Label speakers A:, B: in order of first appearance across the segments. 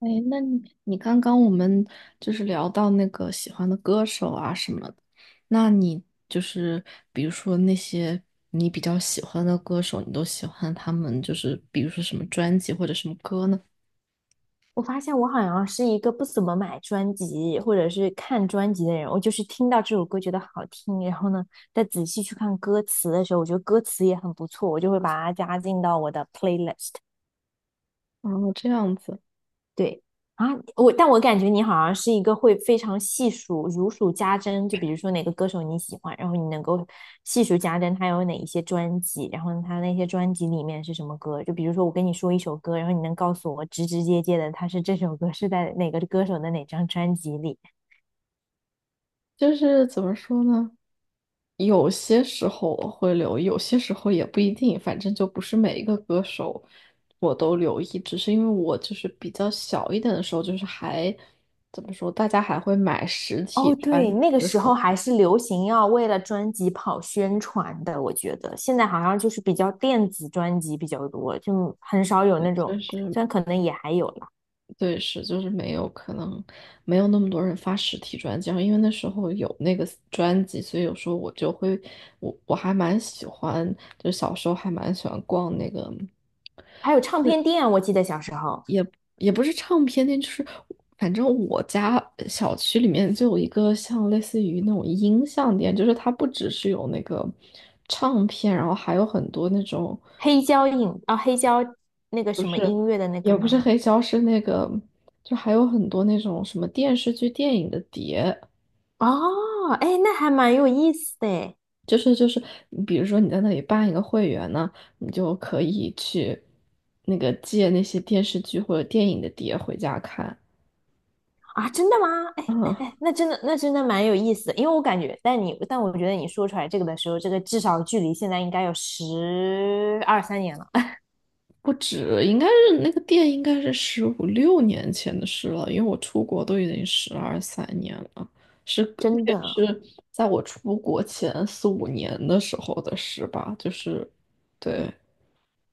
A: 哎，那你刚刚我们就是聊到那个喜欢的歌手啊什么的，那你就是比如说那些你比较喜欢的歌手，你都喜欢他们就是比如说什么专辑或者什么歌呢？
B: 我发现我好像是一个不怎么买专辑或者是看专辑的人，我就是听到这首歌觉得好听，然后呢，再仔细去看歌词的时候，我觉得歌词也很不错，我就会把它加进到我的 playlist。
A: 哦，这样子，
B: 对啊，但我感觉你好像是一个会非常细数、如数家珍，就比如说哪个歌手你喜欢，然后你能够细数家珍他有哪一些专辑，然后他那些专辑里面是什么歌。就比如说我跟你说一首歌，然后你能告诉我直直接接的，他是这首歌是在哪个歌手的哪张专辑里。
A: 就是怎么说呢？有些时候我会留意，有些时候也不一定，反正就不是每一个歌手我都留意，只是因为我就是比较小一点的时候，就是还怎么说，大家还会买实体
B: 哦，
A: 专
B: 对，
A: 辑
B: 那个
A: 的时
B: 时候
A: 候，
B: 还是流行要为了专辑跑宣传的，我觉得现在好像就是比较电子专辑比较多，就很少有
A: 对，
B: 那种，
A: 就是
B: 虽然可能也还有了。
A: 对，是就是没有，可能没有那么多人发实体专辑。然后因为那时候有那个专辑，所以有时候我就会，我还蛮喜欢，就小时候还蛮喜欢逛那个。
B: 还有唱片店啊，我记得小时候
A: 也不是唱片店，就是反正我家小区里面就有一个像类似于那种音像店，就是它不只是有那个唱片，然后还有很多那种，
B: 黑胶影啊、黑胶那个什么音乐的那个
A: 也不是
B: 吗？
A: 黑胶，是那个，就还有很多那种什么电视剧、电影的碟，
B: 哦，哎，那还蛮有意思的哎
A: 就是，你比如说你在那里办一个会员呢，你就可以去那个借那些电视剧或者电影的碟回家看。
B: 啊，真的吗？哎 哎
A: 嗯，
B: 哎，那真的蛮有意思的，因为我感觉，但我觉得你说出来这个的时候，这个至少距离现在应该有十二三年了，哎
A: 不止，应该是那个店应该是十五六年前的事了，因为我出国都已经十二三年了，是那
B: 真
A: 个
B: 的，
A: 是在我出国前四五年的时候的事吧，就是对，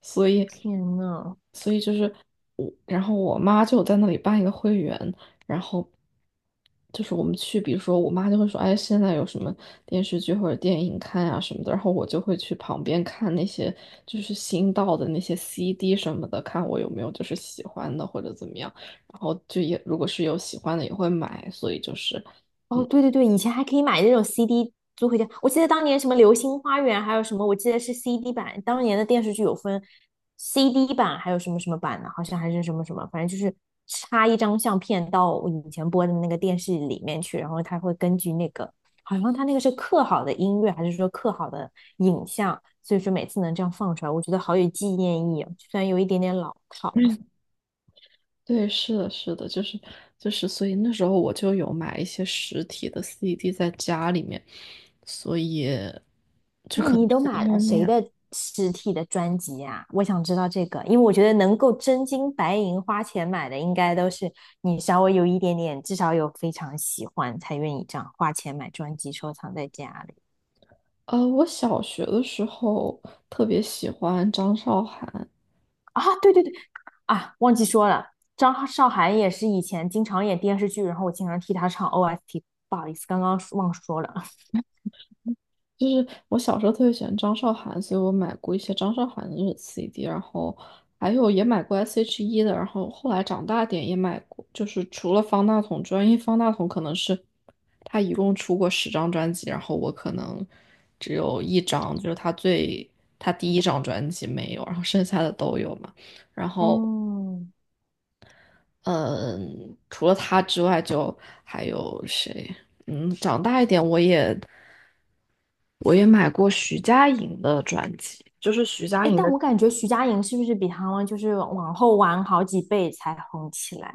A: 所以
B: 天呐，
A: 所以就是我，然后我妈就在那里办一个会员，然后就是我们去，比如说我妈就会说，哎，现在有什么电视剧或者电影看啊什么的，然后我就会去旁边看那些就是新到的那些 CD 什么的，看我有没有就是喜欢的或者怎么样，然后就也如果是有喜欢的也会买，所以就是。
B: 哦，对对对，以前还可以买那种 CD 租回家。我记得当年什么《流星花园》，还有什么，我记得是 CD 版。当年的电视剧有分 CD 版，还有什么什么版的，好像还是什么什么，反正就是插一张相片到我以前播的那个电视里面去，然后它会根据那个，好像它那个是刻好的音乐，还是说刻好的影像，所以说每次能这样放出来，我觉得好有纪念意义啊，虽然有一点点老套。
A: 对，是的，是的，就是，所以那时候我就有买一些实体的 CD 在家里面，所以
B: 那你都买
A: 因
B: 了
A: 为那
B: 谁
A: 样。
B: 的实体的专辑啊？我想知道这个，因为我觉得能够真金白银花钱买的，应该都是你稍微有一点点，至少有非常喜欢，才愿意这样花钱买专辑收藏在家里
A: 我小学的时候特别喜欢张韶涵，
B: 啊。对对对，啊，忘记说了，张韶涵也是以前经常演电视剧，然后我经常替她唱 OST,不好意思，刚刚忘说了。
A: 就是我小时候特别喜欢张韶涵，所以我买过一些张韶涵的那种 CD，然后还有也买过 S.H.E 的，然后后来长大点也买过，就是除了方大同专外，因为方大同可能是他一共出过10张专辑，然后我可能只有一张，就是他第一张专辑没有，然后剩下的都有嘛。然后
B: 嗯，
A: 嗯，除了他之外，就还有谁？嗯，长大一点，我也买过徐佳莹的专辑，就是徐佳
B: 哎，
A: 莹
B: 但
A: 的。
B: 我感觉徐佳莹是不是比他们就是往后晚好几倍才红起来？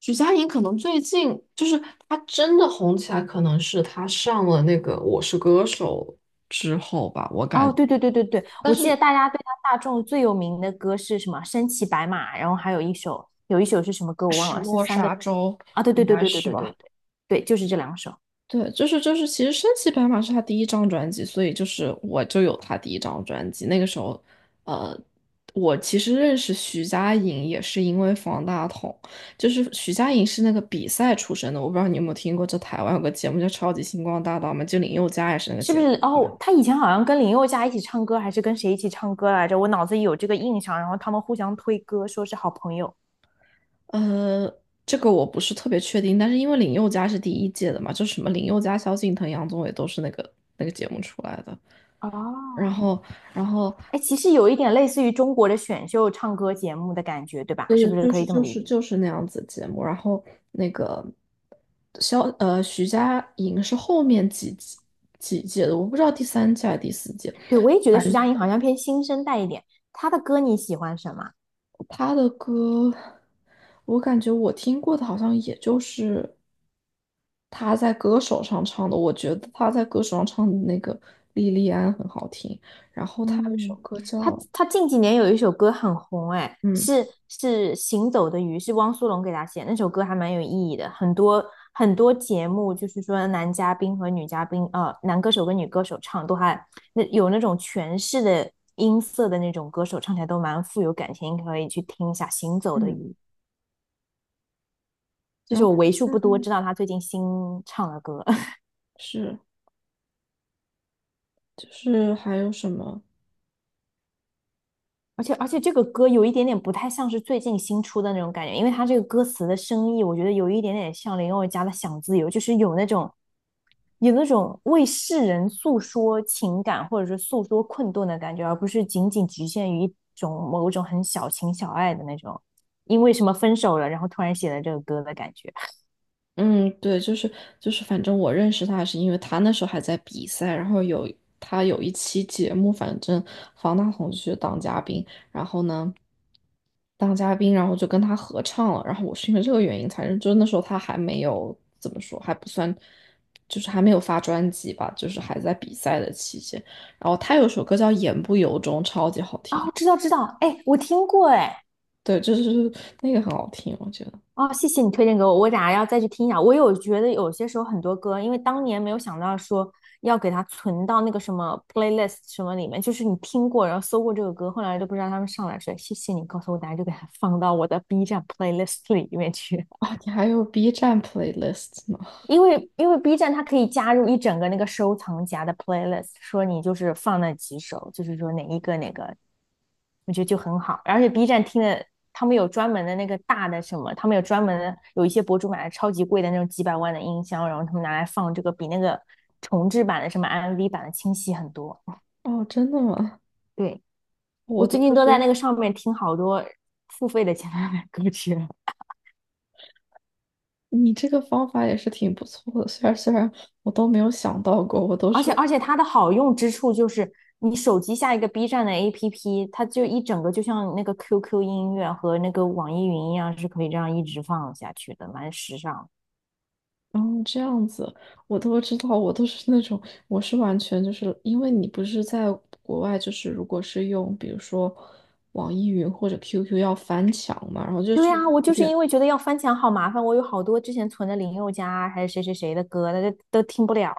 A: 徐佳莹可能最近就是她真的红起来，可能是她上了那个《我是歌手》之后吧，我感
B: 哦，
A: 觉。
B: 对对对对对，
A: 但
B: 我记得
A: 是
B: 大家对他大众最有名的歌是什么？身骑白马，然后还有一首，有一首是什么歌我忘
A: 《失
B: 了，是
A: 落
B: 三个
A: 沙洲》
B: 啊？对
A: 应
B: 对对
A: 该
B: 对对
A: 是
B: 对对
A: 吧？
B: 对对，就是这两首，
A: 对，就是，其实《升骑白马》是他第一张专辑，所以就是我就有他第一张专辑。那个时候，呃，我其实认识徐佳莹也是因为方大同，就是徐佳莹是那个比赛出身的，我不知道你有没有听过，就台湾有个节目叫《超级星光大道》嘛，就林宥嘉也是那个
B: 是
A: 节
B: 不
A: 目。
B: 是？哦，他以前好像跟林宥嘉一起唱歌，还是跟谁一起唱歌来着？我脑子里有这个印象，然后他们互相推歌，说是好朋友。
A: 呃，这个我不是特别确定，但是因为林宥嘉是第一届的嘛，就什么林宥嘉、萧敬腾、杨宗纬都是那个节目出来的。然
B: 哦，
A: 后，然后
B: 哎，其实有一点类似于中国的选秀唱歌节目的感觉，对吧？
A: 对
B: 是不
A: 对，
B: 是
A: 就
B: 可以
A: 是
B: 这么
A: 就
B: 理
A: 是
B: 解？
A: 就是那样子节目。然后那个徐佳莹是后面几季几届的，我不知道第三届还是第四届。
B: 对，我也觉得
A: 反
B: 徐
A: 正
B: 佳莹好像偏新生代一点，她的歌你喜欢什么？
A: 她的歌，我感觉我听过的好像也就是她在歌手上唱的。我觉得她在歌手上唱的那个《莉莉安》很好听。然后她有一首
B: 嗯，
A: 歌
B: 他
A: 叫
B: 他近几年有一首歌很红，哎，
A: 嗯
B: 是《行走的鱼》，是汪苏泷给他写的，那首歌还蛮有意义的。很多很多节目就是说男嘉宾和女嘉宾，男歌手跟女歌手唱都还那有那种诠释的音色的那种歌手唱起来都蛮富有感情，可以去听一下《行走的鱼》，
A: 嗯，
B: 这
A: 然
B: 是
A: 后
B: 我
A: 她
B: 为
A: 现
B: 数不
A: 在
B: 多知道他最近新唱的歌。
A: 是就是还有什么？
B: 而且这个歌有一点点不太像是最近新出的那种感觉，因为它这个歌词的深意，我觉得有一点点像林宥嘉的《想自由》，就是有那种为世人诉说情感或者是诉说困顿的感觉，而不是仅仅局限于一种某种很小情小爱的那种，因为什么分手了，然后突然写了这个歌的感觉。
A: 嗯，对，就是，反正我认识他是因为他那时候还在比赛，然后他有一期节目，反正方大同去当嘉宾，然后呢当嘉宾，然后就跟他合唱了，然后我是因为这个原因才认，就是那时候他还没有怎么说，还不算，就是还没有发专辑吧，就是还在比赛的期间，然后他有首歌叫《言不由衷》，超级好
B: 啊，
A: 听，
B: 我知道知道，哎，我听过哎，
A: 对，就是那个很好听，我觉得。
B: 哦，谢谢你推荐给我，我等下要再去听一下。我有觉得有些时候很多歌，因为当年没有想到说要给它存到那个什么 playlist 什么里面，就是你听过，然后搜过这个歌，后来都不知道他们上来谁。谢谢你告诉我，等下就给它放到我的 B 站 playlist 里面去。
A: 哦，你还有 B 站 playlist 吗？
B: 因为 B 站它可以加入一整个那个收藏夹的 playlist,说你就是放那几首，就是说哪一个哪个，我觉得就很好。而且 B 站听的，他们有专门的那个大的什么，他们有专门的，有一些博主买的超级贵的那种几百万的音箱，然后他们拿来放这个，比那个重制版的什么 MV 版的清晰很多。
A: 哦，真的吗？
B: 对，我
A: 我都
B: 最
A: 不
B: 近都
A: 知
B: 在
A: 道，
B: 那个上面听好多付费的前男友歌曲了。
A: 你这个方法也是挺不错的。虽然我都没有想到过，我都
B: 而
A: 是
B: 且而且它的好用之处就是，你手机下一个 B 站的 APP,它就一整个就像那个 QQ 音乐和那个网易云一样，是可以这样一直放下去的，蛮时尚。
A: 嗯这样子，我都知道，我都是那种我是完全就是因为你不是在国外，就是如果是用比如说网易云或者 QQ 要翻墙嘛，然后就
B: 对
A: 是
B: 呀，我
A: 有
B: 就是
A: 点
B: 因为觉得要翻墙好麻烦，我有好多之前存的林宥嘉啊还是谁谁谁的歌，大家都听不了。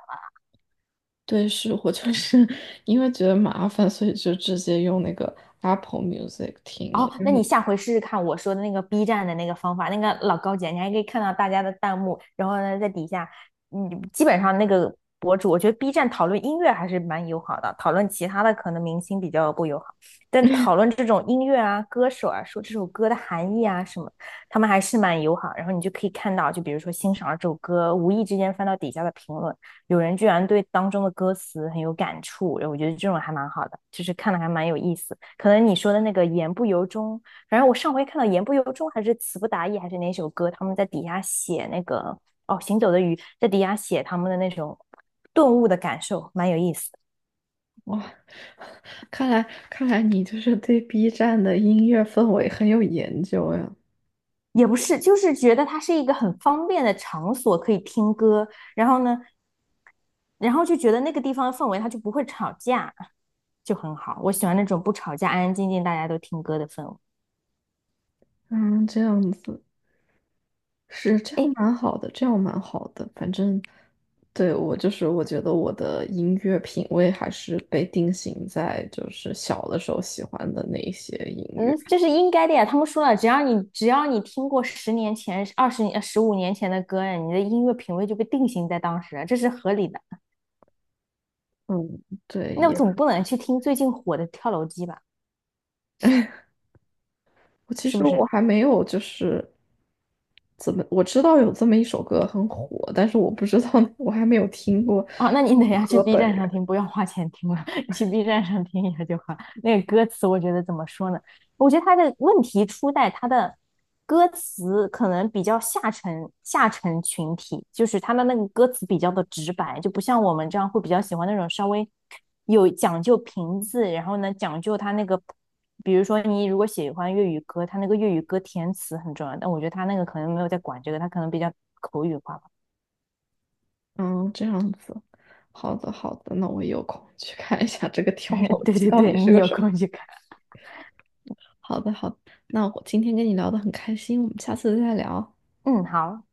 A: 对，是我就是 因为觉得麻烦，所以就直接用那个 Apple Music 听了。
B: 哦，那你下回试试看我说的那个 B 站的那个方法，那个老高姐，你还可以看到大家的弹幕，然后呢，在底下，嗯，基本上那个博主，我觉得 B 站讨论音乐还是蛮友好的，讨论其他的可能明星比较不友好，但讨论这种音乐啊、歌手啊，说这首歌的含义啊什么，他们还是蛮友好。然后你就可以看到，就比如说欣赏了这首歌，无意之间翻到底下的评论。有人居然对当中的歌词很有感触，然后我觉得这种还蛮好的，就是看的还蛮有意思。可能你说的那个言不由衷，反正我上回看到言不由衷还是词不达意还是哪首歌，他们在底下写那个哦行走的鱼，在底下写他们的那种顿悟的感受，蛮有意思。
A: 哇，看来看来你就是对 B 站的音乐氛围很有研究呀。
B: 的也不是，就是觉得它是一个很方便的场所，可以听歌，然后呢，然后就觉得那个地方的氛围它就不会吵架，就很好。我喜欢那种不吵架、安安静静大家都听歌的氛围。
A: 嗯，这样子是这样
B: 哎，
A: 蛮好的，这样蛮好的。反正对我就是我觉得我的音乐品味还是被定型在就是小的时候喜欢的那一些音乐。
B: 嗯，这是应该的呀。他们说了，只要你听过10年前、20年、15年前的歌，你的音乐品味就被定型在当时，这是合理的。
A: 嗯，对，
B: 那我
A: 也
B: 总不能去听最近火的跳楼机吧？
A: 我其
B: 是
A: 实
B: 不是？
A: 我还没有就是怎么我知道有这么一首歌很火，但是我不知道我还没有听过
B: 哦，那你等一下去
A: 歌
B: B
A: 本
B: 站上
A: 人。
B: 听，不要花钱听了，你去 B 站上听一下就好。那个歌词，我觉得怎么说呢？我觉得他的问题出在他的歌词可能比较下沉，下沉群体，就是他的那个歌词比较的直白，就不像我们这样会比较喜欢那种稍微有讲究平字，然后呢讲究他那个，比如说你如果喜欢粤语歌，他那个粤语歌填词很重要，但我觉得他那个可能没有在管这个，他可能比较口语化吧。
A: 嗯，这样子，好的好的，那我有空去看一下这个跳 楼
B: 对
A: 机
B: 对
A: 到
B: 对，
A: 底是
B: 你
A: 个
B: 有
A: 什么。
B: 空去看。
A: 好的好的，那我今天跟你聊得很开心，我们下次再聊。
B: 嗯，好，